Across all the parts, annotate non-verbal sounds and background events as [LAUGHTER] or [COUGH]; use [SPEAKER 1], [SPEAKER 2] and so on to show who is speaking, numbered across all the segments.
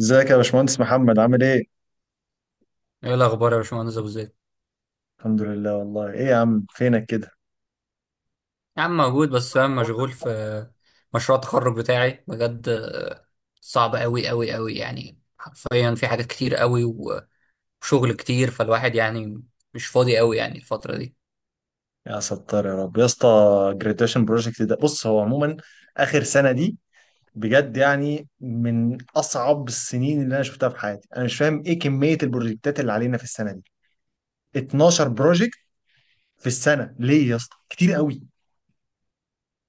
[SPEAKER 1] ازيك يا باشمهندس محمد عامل ايه؟
[SPEAKER 2] ايه الاخبار يا باشمهندس ابو زيد؟
[SPEAKER 1] الحمد لله. والله ايه يا عم فينك كده؟
[SPEAKER 2] يا عم موجود، بس انا مشغول في مشروع التخرج بتاعي بجد. صعب قوي قوي قوي يعني، حرفيا في حاجات كتير قوي وشغل كتير، فالواحد يعني مش فاضي قوي يعني الفترة دي.
[SPEAKER 1] يا ستار يا رب يا اسطى، جراديويشن بروجكت ده، بص هو عموما اخر سنه دي بجد يعني من اصعب السنين اللي انا شفتها في حياتي. انا مش فاهم ايه كميه البروجكتات اللي علينا في السنه دي. 12 بروجكت في السنه ليه يا اسطى؟ كتير قوي،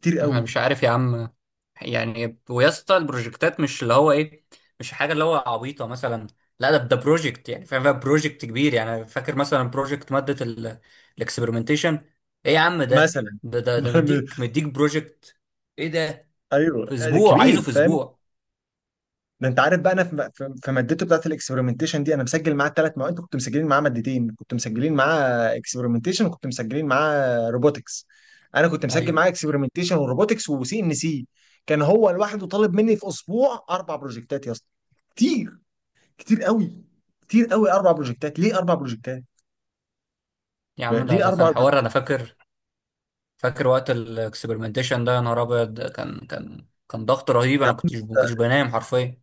[SPEAKER 1] كتير
[SPEAKER 2] انا
[SPEAKER 1] قوي.
[SPEAKER 2] مش عارف يا عم، يعني ويا اسطى البروجكتات مش اللي هو ايه، مش حاجه اللي هو عبيطه مثلا. لا، ده بروجكت يعني، فاهم؟ بروجكت كبير يعني. أنا فاكر مثلا بروجكت ماده الاكسبيرمنتيشن. ايه يا عم، ده
[SPEAKER 1] مثلا
[SPEAKER 2] ده ده, ده
[SPEAKER 1] [LAUGHS]
[SPEAKER 2] مديك مديك بروجكت. ايه ده؟ في
[SPEAKER 1] ايوه
[SPEAKER 2] اسبوع عايزه،
[SPEAKER 1] كبير
[SPEAKER 2] في
[SPEAKER 1] فاهم.
[SPEAKER 2] اسبوع؟
[SPEAKER 1] ده انت عارف بقى انا في مادته بتاعت الاكسبيرمنتيشن دي انا مسجل معاه الثلاث مواد، كنت مسجلين معاه مادتين، كنت مسجلين معاه اكسبيرمنتيشن وكنت مسجلين معاه روبوتكس. انا كنت مسجل
[SPEAKER 2] ايوه
[SPEAKER 1] معاه اكسبيرمنتيشن وروبوتكس وسي ان سي. كان هو لوحده طالب مني في اسبوع اربع بروجكتات يا اسطى، كتير، كتير قوي، كتير قوي. اربع بروجكتات ليه اربع بروجكتات،
[SPEAKER 2] يا عم، ده
[SPEAKER 1] ليه
[SPEAKER 2] ده
[SPEAKER 1] اربع
[SPEAKER 2] كان حوار، انا
[SPEAKER 1] بروجكتات؟
[SPEAKER 2] فاكر. فاكر وقت الاكسبيرمنتيشن ده، يا نهار ابيض، كان ضغط رهيب.
[SPEAKER 1] يا
[SPEAKER 2] انا
[SPEAKER 1] عم
[SPEAKER 2] ما كنتش بنام حرفيا.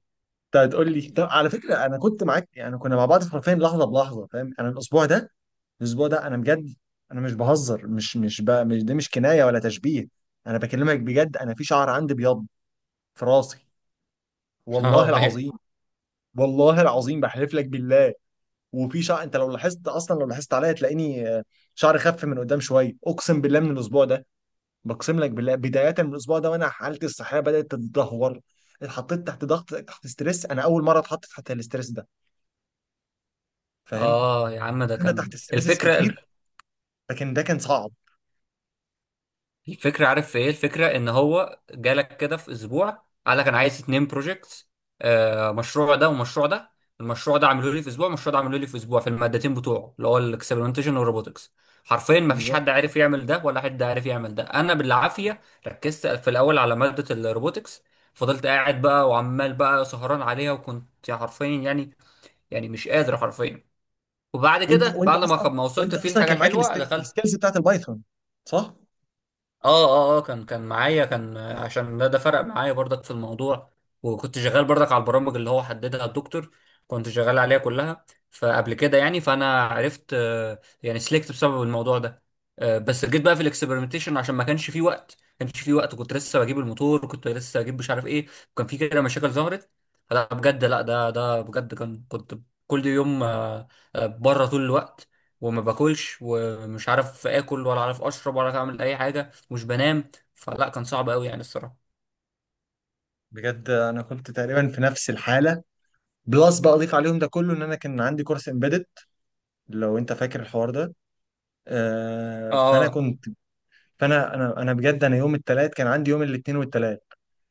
[SPEAKER 1] انت هتقول لي، طب على فكره انا كنت معاك يعني، كنا مع بعض حرفيا لحظه بلحظه فاهم، انا الاسبوع ده، الاسبوع ده انا بجد، انا مش بهزر، مش مش بقى مش دي مش كنايه ولا تشبيه، انا بكلمك بجد، انا في شعر عندي بيض في راسي،
[SPEAKER 2] [LAUGHS]
[SPEAKER 1] والله
[SPEAKER 2] اه، ايوه.
[SPEAKER 1] العظيم، والله العظيم بحلف لك بالله، وفي شعر انت لو لاحظت اصلا لو لاحظت عليا تلاقيني شعري خف من قدام شويه، اقسم بالله من الاسبوع ده، بقسم لك بالله، بدايه من الاسبوع ده وانا حالتي الصحيه بدات تتدهور، اتحطيت تحت ضغط، تحت ستريس، انا اول مره اتحط تحت الاستريس ده فاهم،
[SPEAKER 2] اه يا عم، ده
[SPEAKER 1] انا
[SPEAKER 2] كان
[SPEAKER 1] تحت ستريسز
[SPEAKER 2] الفكره.
[SPEAKER 1] كتير لكن ده كان صعب.
[SPEAKER 2] الفكرة، عارف في ايه الفكرة؟ ان هو جالك كده في اسبوع، قال لك انا عايز اتنين بروجكتس. مشروع ده ومشروع ده. المشروع ده عملوا لي في اسبوع، المشروع ده عملوا لي في اسبوع، في المادتين بتوعه اللي هو الاكسبيرمنتيشن والروبوتكس. حرفيا ما فيش
[SPEAKER 1] بالظبط.
[SPEAKER 2] حد عارف يعمل ده، ولا حد عارف يعمل ده. انا بالعافية ركزت في الاول على مادة الروبوتكس. فضلت قاعد بقى، وعمال بقى سهران عليها، وكنت حرفيا يعني مش قادر حرفيا. وبعد
[SPEAKER 1] وانت
[SPEAKER 2] كده،
[SPEAKER 1] وانت
[SPEAKER 2] بعد
[SPEAKER 1] اصلا
[SPEAKER 2] ما وصلت
[SPEAKER 1] وانت
[SPEAKER 2] فيه
[SPEAKER 1] اصلا
[SPEAKER 2] الحاجة
[SPEAKER 1] كان معاك الست-
[SPEAKER 2] الحلوة، دخلت.
[SPEAKER 1] السكيلز بتاعت البايثون، صح؟
[SPEAKER 2] اه، كان معايا، كان عشان ده فرق معايا برضك في الموضوع. وكنت شغال برضك على البرامج اللي هو حددها الدكتور، كنت شغال عليها كلها. فقبل كده يعني، فانا عرفت، يعني سلكت بسبب الموضوع ده. بس جيت بقى في الاكسبيرمنتيشن عشان ما كانش فيه وقت، كنت لسه بجيب الموتور، كنت لسه بجيب مش عارف ايه. وكان في كده مشاكل ظهرت. فلا بجد، لا ده بجد كان كنت. كل يوم بره طول الوقت. وما باكلش، ومش عارف اكل، ولا عارف اشرب، ولا عارف اعمل اي حاجه، مش بنام. فلا، كان صعب قوي يعني الصراحه.
[SPEAKER 1] بجد انا كنت تقريبا في نفس الحاله، بلس بقى اضيف عليهم ده كله ان انا كان عندي كورس امبيدد، لو انت فاكر الحوار ده، آه فانا
[SPEAKER 2] اه،
[SPEAKER 1] كنت، فانا انا انا بجد انا يوم الثلاث كان عندي، يوم الاثنين والثلاث،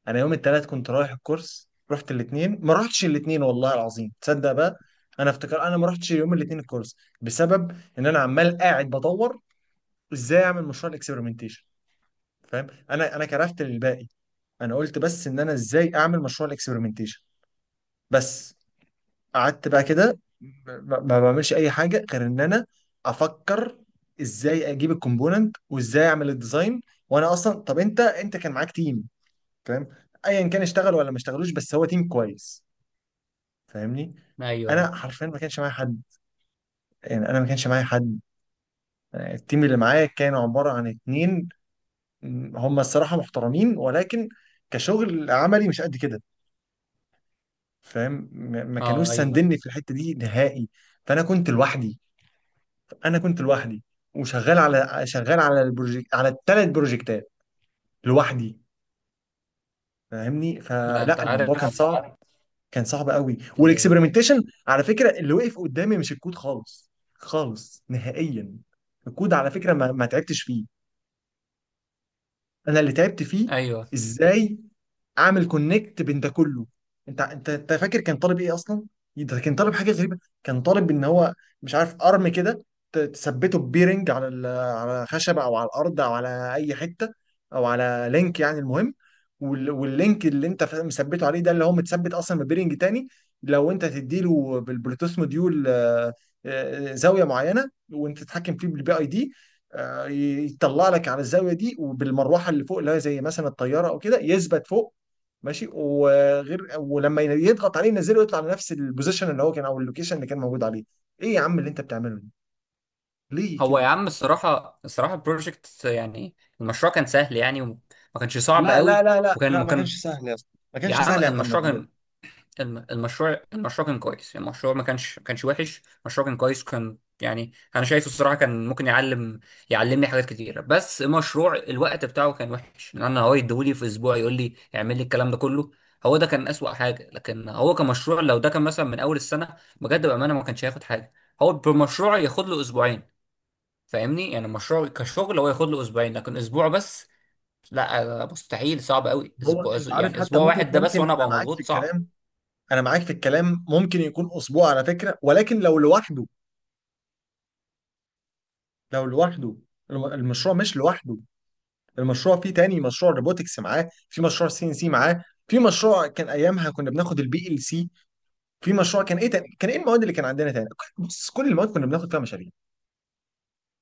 [SPEAKER 1] انا يوم الثلاث كنت رايح الكورس، رحت الاثنين، ما رحتش الاثنين والله العظيم، تصدق بقى، انا افتكر انا ما رحتش يوم الاثنين الكورس بسبب ان انا عمال قاعد بدور ازاي اعمل مشروع الاكسبيرمنتيشن فاهم، انا كرفت للباقي، انا قلت بس ان انا ازاي اعمل مشروع الاكسبيرمنتيشن بس. قعدت بقى كده ما بعملش اي حاجه غير ان انا افكر ازاي اجيب الكومبوننت وازاي اعمل الديزاين. وانا اصلا، طب انت كان معاك تيم فاهم، ايا كان اشتغل ولا ما اشتغلوش، بس هو تيم كويس فاهمني؟
[SPEAKER 2] ايوه.
[SPEAKER 1] انا حرفيا ما كانش معايا حد، يعني انا ما كانش معايا حد، التيم اللي معايا كانوا عباره عن اتنين، هم الصراحه محترمين ولكن كشغل عملي مش قد كده فاهم، ما
[SPEAKER 2] اه،
[SPEAKER 1] كانوش
[SPEAKER 2] آه، ايوه.
[SPEAKER 1] ساندني في الحته دي نهائي. فانا كنت لوحدي، انا كنت لوحدي وشغال على، شغال على البروجكت، على الثلاث بروجكتات لوحدي فاهمني؟
[SPEAKER 2] لا، انت
[SPEAKER 1] فلا الموضوع كان
[SPEAKER 2] عارف.
[SPEAKER 1] صعب، كان صعب قوي.
[SPEAKER 2] ال...
[SPEAKER 1] والاكسبيرمنتيشن على فكره اللي وقف قدامي مش الكود، خالص خالص نهائيا. الكود على فكره ما تعبتش فيه، انا اللي تعبت فيه
[SPEAKER 2] ايوه.
[SPEAKER 1] ازاي اعمل كونكت بين ده كله. انت فاكر كان طالب ايه اصلا؟ ده كان طالب حاجه غريبه، كان طالب ان هو، مش عارف ارم كده، تثبته ببيرنج على ال- على خشبه او على الارض او على اي حته او على لينك يعني. المهم، واللينك اللي انت مثبته عليه ده اللي هو متثبت اصلا ببيرنج تاني، لو انت تديله بالبلوتوث موديول زاويه معينه، وانت تتحكم فيه بالبي اي دي، يطلع لك على الزاويه دي، وبالمروحه اللي فوق اللي هي زي مثلا الطياره او كده يثبت فوق ماشي، وغير ولما يضغط عليه ينزله، يطلع لنفس البوزيشن اللي هو كان او اللوكيشن اللي كان موجود عليه. ايه يا عم اللي انت بتعمله ده، ليه
[SPEAKER 2] هو يا
[SPEAKER 1] كده؟
[SPEAKER 2] عم، الصراحه البروجكت يعني، المشروع كان سهل يعني، وما كانش صعب
[SPEAKER 1] لا لا
[SPEAKER 2] قوي.
[SPEAKER 1] لا لا
[SPEAKER 2] وكان
[SPEAKER 1] لا
[SPEAKER 2] ما
[SPEAKER 1] ما كانش
[SPEAKER 2] كان.
[SPEAKER 1] سهل يا اسطى، ما
[SPEAKER 2] يا
[SPEAKER 1] كانش
[SPEAKER 2] عم
[SPEAKER 1] سهل يا محمد
[SPEAKER 2] المشروع
[SPEAKER 1] بجد.
[SPEAKER 2] كان. المشروع كان كويس يعني، المشروع ما كانش وحش، المشروع كان كويس، كان يعني انا شايفه الصراحه كان ممكن يعلمني حاجات كتيره. بس مشروع الوقت بتاعه كان وحش، لان انا هو يديهولي في اسبوع يقول لي اعمل لي الكلام ده كله. هو ده كان اسوأ حاجه، لكن هو كمشروع لو ده كان مثلا من اول السنه، بجد بامانه ما كانش هياخد حاجه. هو بمشروع ياخد له اسبوعين. فاهمني؟ يعني المشروع كشغل هو ياخد له اسبوعين، لكن اسبوع بس؟ لا مستحيل، صعب قوي
[SPEAKER 1] هو
[SPEAKER 2] اسبوع،
[SPEAKER 1] انت عارف،
[SPEAKER 2] يعني
[SPEAKER 1] حتى
[SPEAKER 2] اسبوع
[SPEAKER 1] ممكن
[SPEAKER 2] واحد ده بس
[SPEAKER 1] ممكن
[SPEAKER 2] وانا
[SPEAKER 1] انا
[SPEAKER 2] ابقى
[SPEAKER 1] معاك في
[SPEAKER 2] مضغوط، صعب.
[SPEAKER 1] الكلام، انا معاك في الكلام، ممكن يكون اسبوع على فكره، ولكن لو لوحده، لو لوحده، الم- المشروع مش لوحده، المشروع فيه تاني مشروع روبوتكس معاه، في مشروع سي ان سي معاه، في مشروع كان ايامها كنا بناخد البي ال سي، في مشروع كان ايه تاني؟ كان ايه المواد اللي كان عندنا تاني؟ بص كل المواد كنا بناخد فيها مشاريع،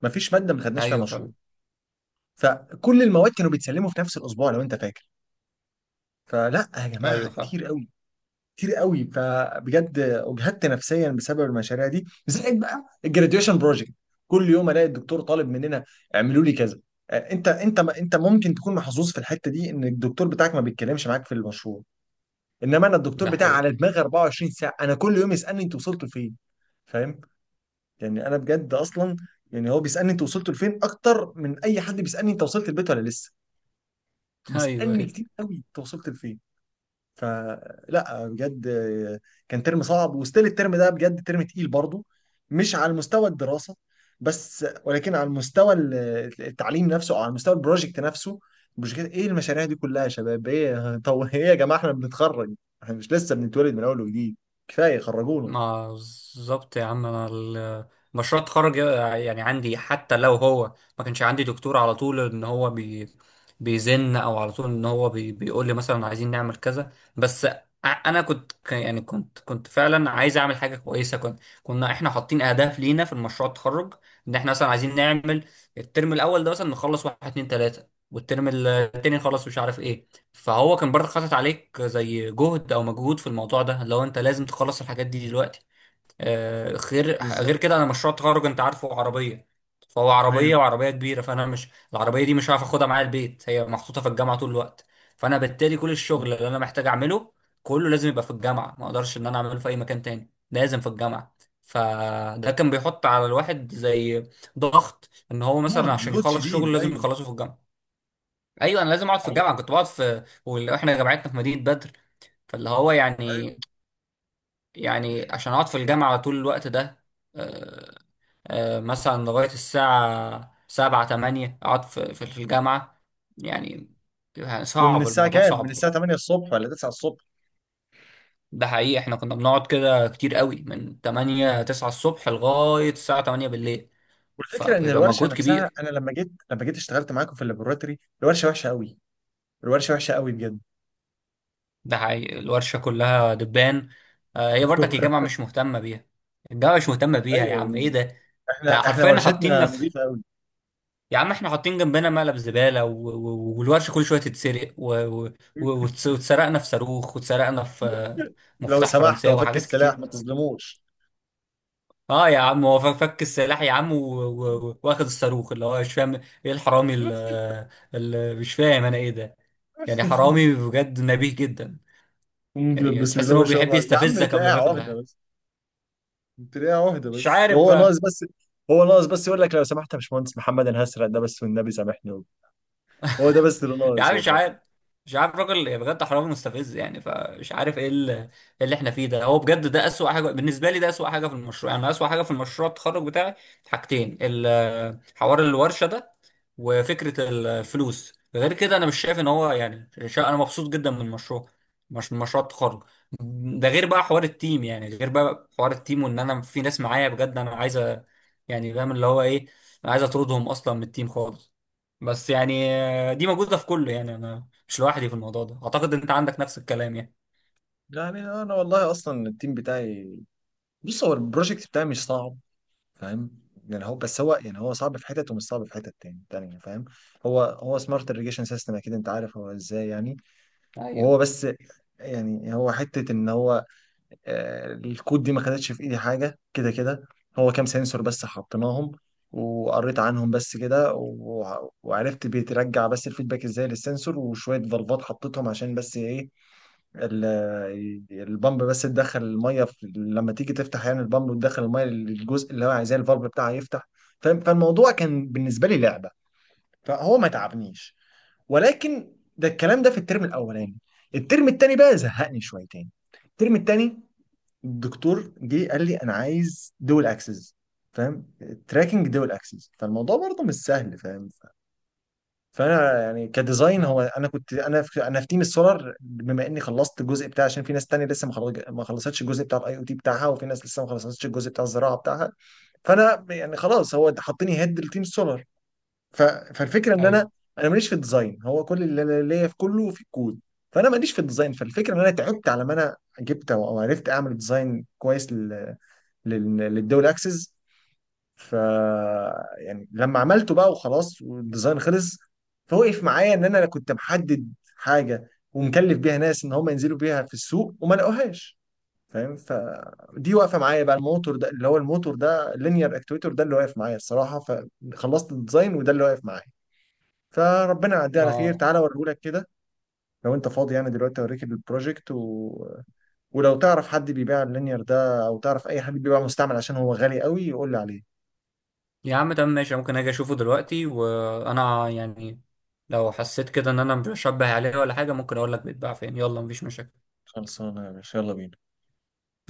[SPEAKER 1] ما فيش ماده ما خدناش فيها
[SPEAKER 2] ايوه
[SPEAKER 1] مشروع،
[SPEAKER 2] فاهم.
[SPEAKER 1] فكل المواد كانوا بيتسلموا في نفس الاسبوع لو انت فاكر، فلا يا جماعه
[SPEAKER 2] ايوه فعلا.
[SPEAKER 1] كتير قوي، كتير قوي، فبجد اجهدت نفسيا بسبب المشاريع دي، زائد بقى الجراديويشن بروجكت. كل يوم الاقي الدكتور طالب مننا، اعملوا لي كذا، انت ممكن تكون محظوظ في الحته دي ان الدكتور بتاعك ما بيتكلمش معاك في المشروع، انما انا الدكتور
[SPEAKER 2] ده
[SPEAKER 1] بتاعي
[SPEAKER 2] حقيقي.
[SPEAKER 1] على دماغي 24 ساعه، انا كل يوم يسالني انتوا وصلتوا فين؟ فاهم؟ يعني انا بجد اصلا، يعني هو بيسالني انت وصلت لفين اكتر من اي حد بيسالني انت وصلت البيت ولا لسه،
[SPEAKER 2] [LAUGHS] ايوه،
[SPEAKER 1] بيسالني
[SPEAKER 2] ايوه.
[SPEAKER 1] كتير قوي انت وصلت لفين. فلا بجد كان ترم صعب، وستيل الترم ده بجد ترم تقيل برضه، مش على مستوى الدراسه بس، ولكن على المستوى ال- التعليم نفسه او على مستوى البروجكت نفسه. البروجكت، ايه المشاريع دي كلها يا شباب ايه [LAUGHS] طب ايه يا جماعه احنا بنتخرج، احنا مش لسه بنتولد من اول وجديد، كفايه خرجونا.
[SPEAKER 2] ما بالظبط يا عم. انا مشروع التخرج يعني عندي، حتى لو هو ما كانش عندي دكتور على طول ان هو بيزن، او على طول ان هو بيقول لي مثلا عايزين نعمل كذا، بس انا كنت يعني كنت فعلا عايز اعمل حاجه كويسه، كنا احنا حاطين اهداف لينا في المشروع التخرج. ان احنا مثلا عايزين نعمل الترم الاول ده مثلا نخلص واحد اتنين تلاته، والترم التاني نخلص مش عارف ايه. فهو كان برضه حاطط عليك زي جهد او مجهود في الموضوع ده، لو انت لازم تخلص الحاجات دي دلوقتي. غير
[SPEAKER 1] بالظبط.
[SPEAKER 2] كده، انا مشروع التخرج انت عارفه عربيه. فهو عربيه
[SPEAKER 1] ايوه
[SPEAKER 2] وعربيه كبيره، فانا مش، العربيه دي مش هعرف اخدها معايا البيت، هي محطوطه في الجامعه طول الوقت. فانا بالتالي كل الشغل اللي انا محتاج اعمله كله لازم يبقى في الجامعه، ما اقدرش ان انا اعمله في اي مكان تاني، لازم في الجامعه. فده كان بيحط على الواحد زي ضغط، ان هو مثلا
[SPEAKER 1] لود،
[SPEAKER 2] عشان
[SPEAKER 1] لود
[SPEAKER 2] يخلص
[SPEAKER 1] شديد.
[SPEAKER 2] شغل لازم
[SPEAKER 1] ايوه.
[SPEAKER 2] يخلصه في الجامعه. ايوه انا لازم اقعد في الجامعه. كنت بقعد واحنا جامعتنا في مدينه بدر. فاللي هو
[SPEAKER 1] أيوة.
[SPEAKER 2] يعني. يعني عشان اقعد في الجامعه طول الوقت ده. آه، مثلا لغايه الساعه 7 8 اقعد في الجامعه يعني يعني
[SPEAKER 1] ومن
[SPEAKER 2] صعب،
[SPEAKER 1] الساعه
[SPEAKER 2] الموضوع
[SPEAKER 1] كام؟ من
[SPEAKER 2] صعب.
[SPEAKER 1] الساعه 8 الصبح ولا 9 الصبح؟
[SPEAKER 2] ده حقيقي، احنا كنا بنقعد كده كتير قوي من 8 9 الصبح لغايه الساعه 8 بالليل،
[SPEAKER 1] والفكره ان
[SPEAKER 2] فبيبقى
[SPEAKER 1] الورشه
[SPEAKER 2] مجهود
[SPEAKER 1] نفسها،
[SPEAKER 2] كبير.
[SPEAKER 1] انا لما جيت، لما جيت اشتغلت معاكم في اللابوراتوري، الورشه وحشه قوي، الورشه وحشه قوي بجد.
[SPEAKER 2] ده حقيقي، الورشة كلها دبان. هي برضك الجامعة
[SPEAKER 1] [LAUGHS]
[SPEAKER 2] مش مهتمة بيها. الجامعة مش مهتمة بيها يا عم،
[SPEAKER 1] ايوه،
[SPEAKER 2] ايه ده؟ ده
[SPEAKER 1] احنا
[SPEAKER 2] حرفيا
[SPEAKER 1] ورشتنا
[SPEAKER 2] حاطيننا في.
[SPEAKER 1] نظيفه قوي.
[SPEAKER 2] يا عم احنا حاطين جنبنا مقلب زبالة، والورشة كل شوية تتسرق، وتسرقنا في صاروخ، وتسرقنا في
[SPEAKER 1] لو
[SPEAKER 2] مفتاح
[SPEAKER 1] سمحت
[SPEAKER 2] فرنساوي
[SPEAKER 1] وفك
[SPEAKER 2] وحاجات
[SPEAKER 1] السلاح،
[SPEAKER 2] كتير.
[SPEAKER 1] ما تظلموش.
[SPEAKER 2] اه يا عم، هو فك فك السلاح يا عم، واخد الصاروخ اللي هو مش فاهم ايه. الحرامي
[SPEAKER 1] [LAUGHS]
[SPEAKER 2] اللي مش فاهم انا ايه ده. يعني حرامي بجد، نبيه جدا. يعني
[SPEAKER 1] بسم
[SPEAKER 2] تحس
[SPEAKER 1] الله
[SPEAKER 2] ان
[SPEAKER 1] ما
[SPEAKER 2] هو
[SPEAKER 1] شاء
[SPEAKER 2] بيحب
[SPEAKER 1] الله، يا عم
[SPEAKER 2] يستفزك
[SPEAKER 1] تلاقيها
[SPEAKER 2] قبل ما ياخد.
[SPEAKER 1] عهده بس، تلاقيها عهده
[SPEAKER 2] مش
[SPEAKER 1] بس،
[SPEAKER 2] عارف
[SPEAKER 1] هو ناقص
[SPEAKER 2] بقى.
[SPEAKER 1] بس، هو ناقص بس يقول لك لو سمحت يا باشمهندس محمد، انا هسرق ده بس والنبي سامحني، هو ده بس اللي
[SPEAKER 2] يا
[SPEAKER 1] ناقص،
[SPEAKER 2] عم مش
[SPEAKER 1] والله.
[SPEAKER 2] عارف. مش عارف الراجل بجد حرامي مستفز يعني، فمش عارف ايه إيه اللي احنا فيه ده. هو بجد ده اسوأ حاجه بالنسبه لي، ده اسوأ حاجه في المشروع يعني، أنا اسوأ حاجه في المشروع التخرج بتاعي حاجتين. حوار الورشه ده، وفكره الفلوس. غير كده انا مش شايف ان هو يعني انا مبسوط جدا من المشروع، مش من مشروع التخرج. ده غير بقى حوار التيم، يعني غير بقى حوار التيم، وان انا في ناس معايا بجد انا عايز يعني فاهم اللي هو ايه. انا عايز اطردهم اصلا من التيم خالص. بس يعني، دي موجودة في كله، يعني أنا مش لوحدي في الموضوع ده. أعتقد إن أنت عندك نفس الكلام يعني.
[SPEAKER 1] يعني انا والله اصلا التيم بتاعي، بص هو البروجكت بتاعي مش صعب فاهم، يعني هو بس، هو يعني هو صعب في حتت ومش صعب في حتت تاني تانية فاهم، هو سمارت irrigation سيستم، اكيد انت عارف هو ازاي يعني. وهو
[SPEAKER 2] أيوه،
[SPEAKER 1] بس يعني، هو حتة ان هو الكود دي ما خدتش في ايدي حاجة كده كده، هو كام سنسور بس حطيناهم وقريت عنهم بس كده وعرفت بيترجع بس الفيدباك ازاي للسنسور، وشوية فالفات حطيتهم عشان بس ايه، ال- البامب بس تدخل الميه في، لما تيجي تفتح يعني البامب وتدخل الميه للجزء اللي هو عايزاه، الفالف بتاعها يفتح فاهم. فالموضوع كان بالنسبه لي لعبه، فهو ما تعبنيش، ولكن ده الكلام ده في الترم الاولاني، الترم التاني بقى زهقني شويتين. الترم التاني الدكتور جه قال لي انا عايز دول اكسس فاهم، تراكنج دول اكسس، فالموضوع برضه مش سهل فاهم. فانا يعني كديزاين هو،
[SPEAKER 2] أه،
[SPEAKER 1] انا في تيم السولار، بما اني خلصت الجزء بتاعي، عشان في ناس تانية لسه ما خلص- ما خلصتش الجزء بتاع الاي او تي بتاعها، وفي ناس لسه ما خلصتش الجزء بتاع الزراعه بتاعها، فانا يعني خلاص هو حطني هيد لتيم السولار، ف... فالفكره ان
[SPEAKER 2] أيوه.
[SPEAKER 1] انا، انا ماليش في الديزاين، هو كل اللي ليا في كله في الكود، فانا ماليش في الديزاين، فالفكره ان انا تعبت على ما انا جبت او أو عرفت اعمل ديزاين كويس لل... لل... للدول اكسس، ف يعني لما عملته بقى وخلاص والديزاين خلص، فوقف معايا ان انا كنت محدد حاجه ومكلف بيها ناس ان هم ينزلوا بيها في السوق وما لقوهاش فاهم، فدي واقفه معايا بقى، الموتور ده اللي هو، الموتور ده لينير اكتويتور ده اللي واقف معايا الصراحه، فخلصت الديزاين وده اللي واقف معايا. فربنا يعديه على خير.
[SPEAKER 2] أه
[SPEAKER 1] تعالى اوريهولك كده لو انت فاضي يعني دلوقتي، اوريك البروجكت و... ولو تعرف حد بيبيع اللينير ده، او تعرف اي حد بيبيع مستعمل عشان هو غالي قوي، يقول لي عليه.
[SPEAKER 2] يا عم تمام ماشي، ممكن أجي أشوفه دلوقتي، وأنا يعني، لو حسيت كده إن أنا مش بشبه عليه ولا حاجة، ممكن أقول لك بيتباع فين. يلا مفيش مشاكل.
[SPEAKER 1] خلصانه يا باشا، يلا بينا.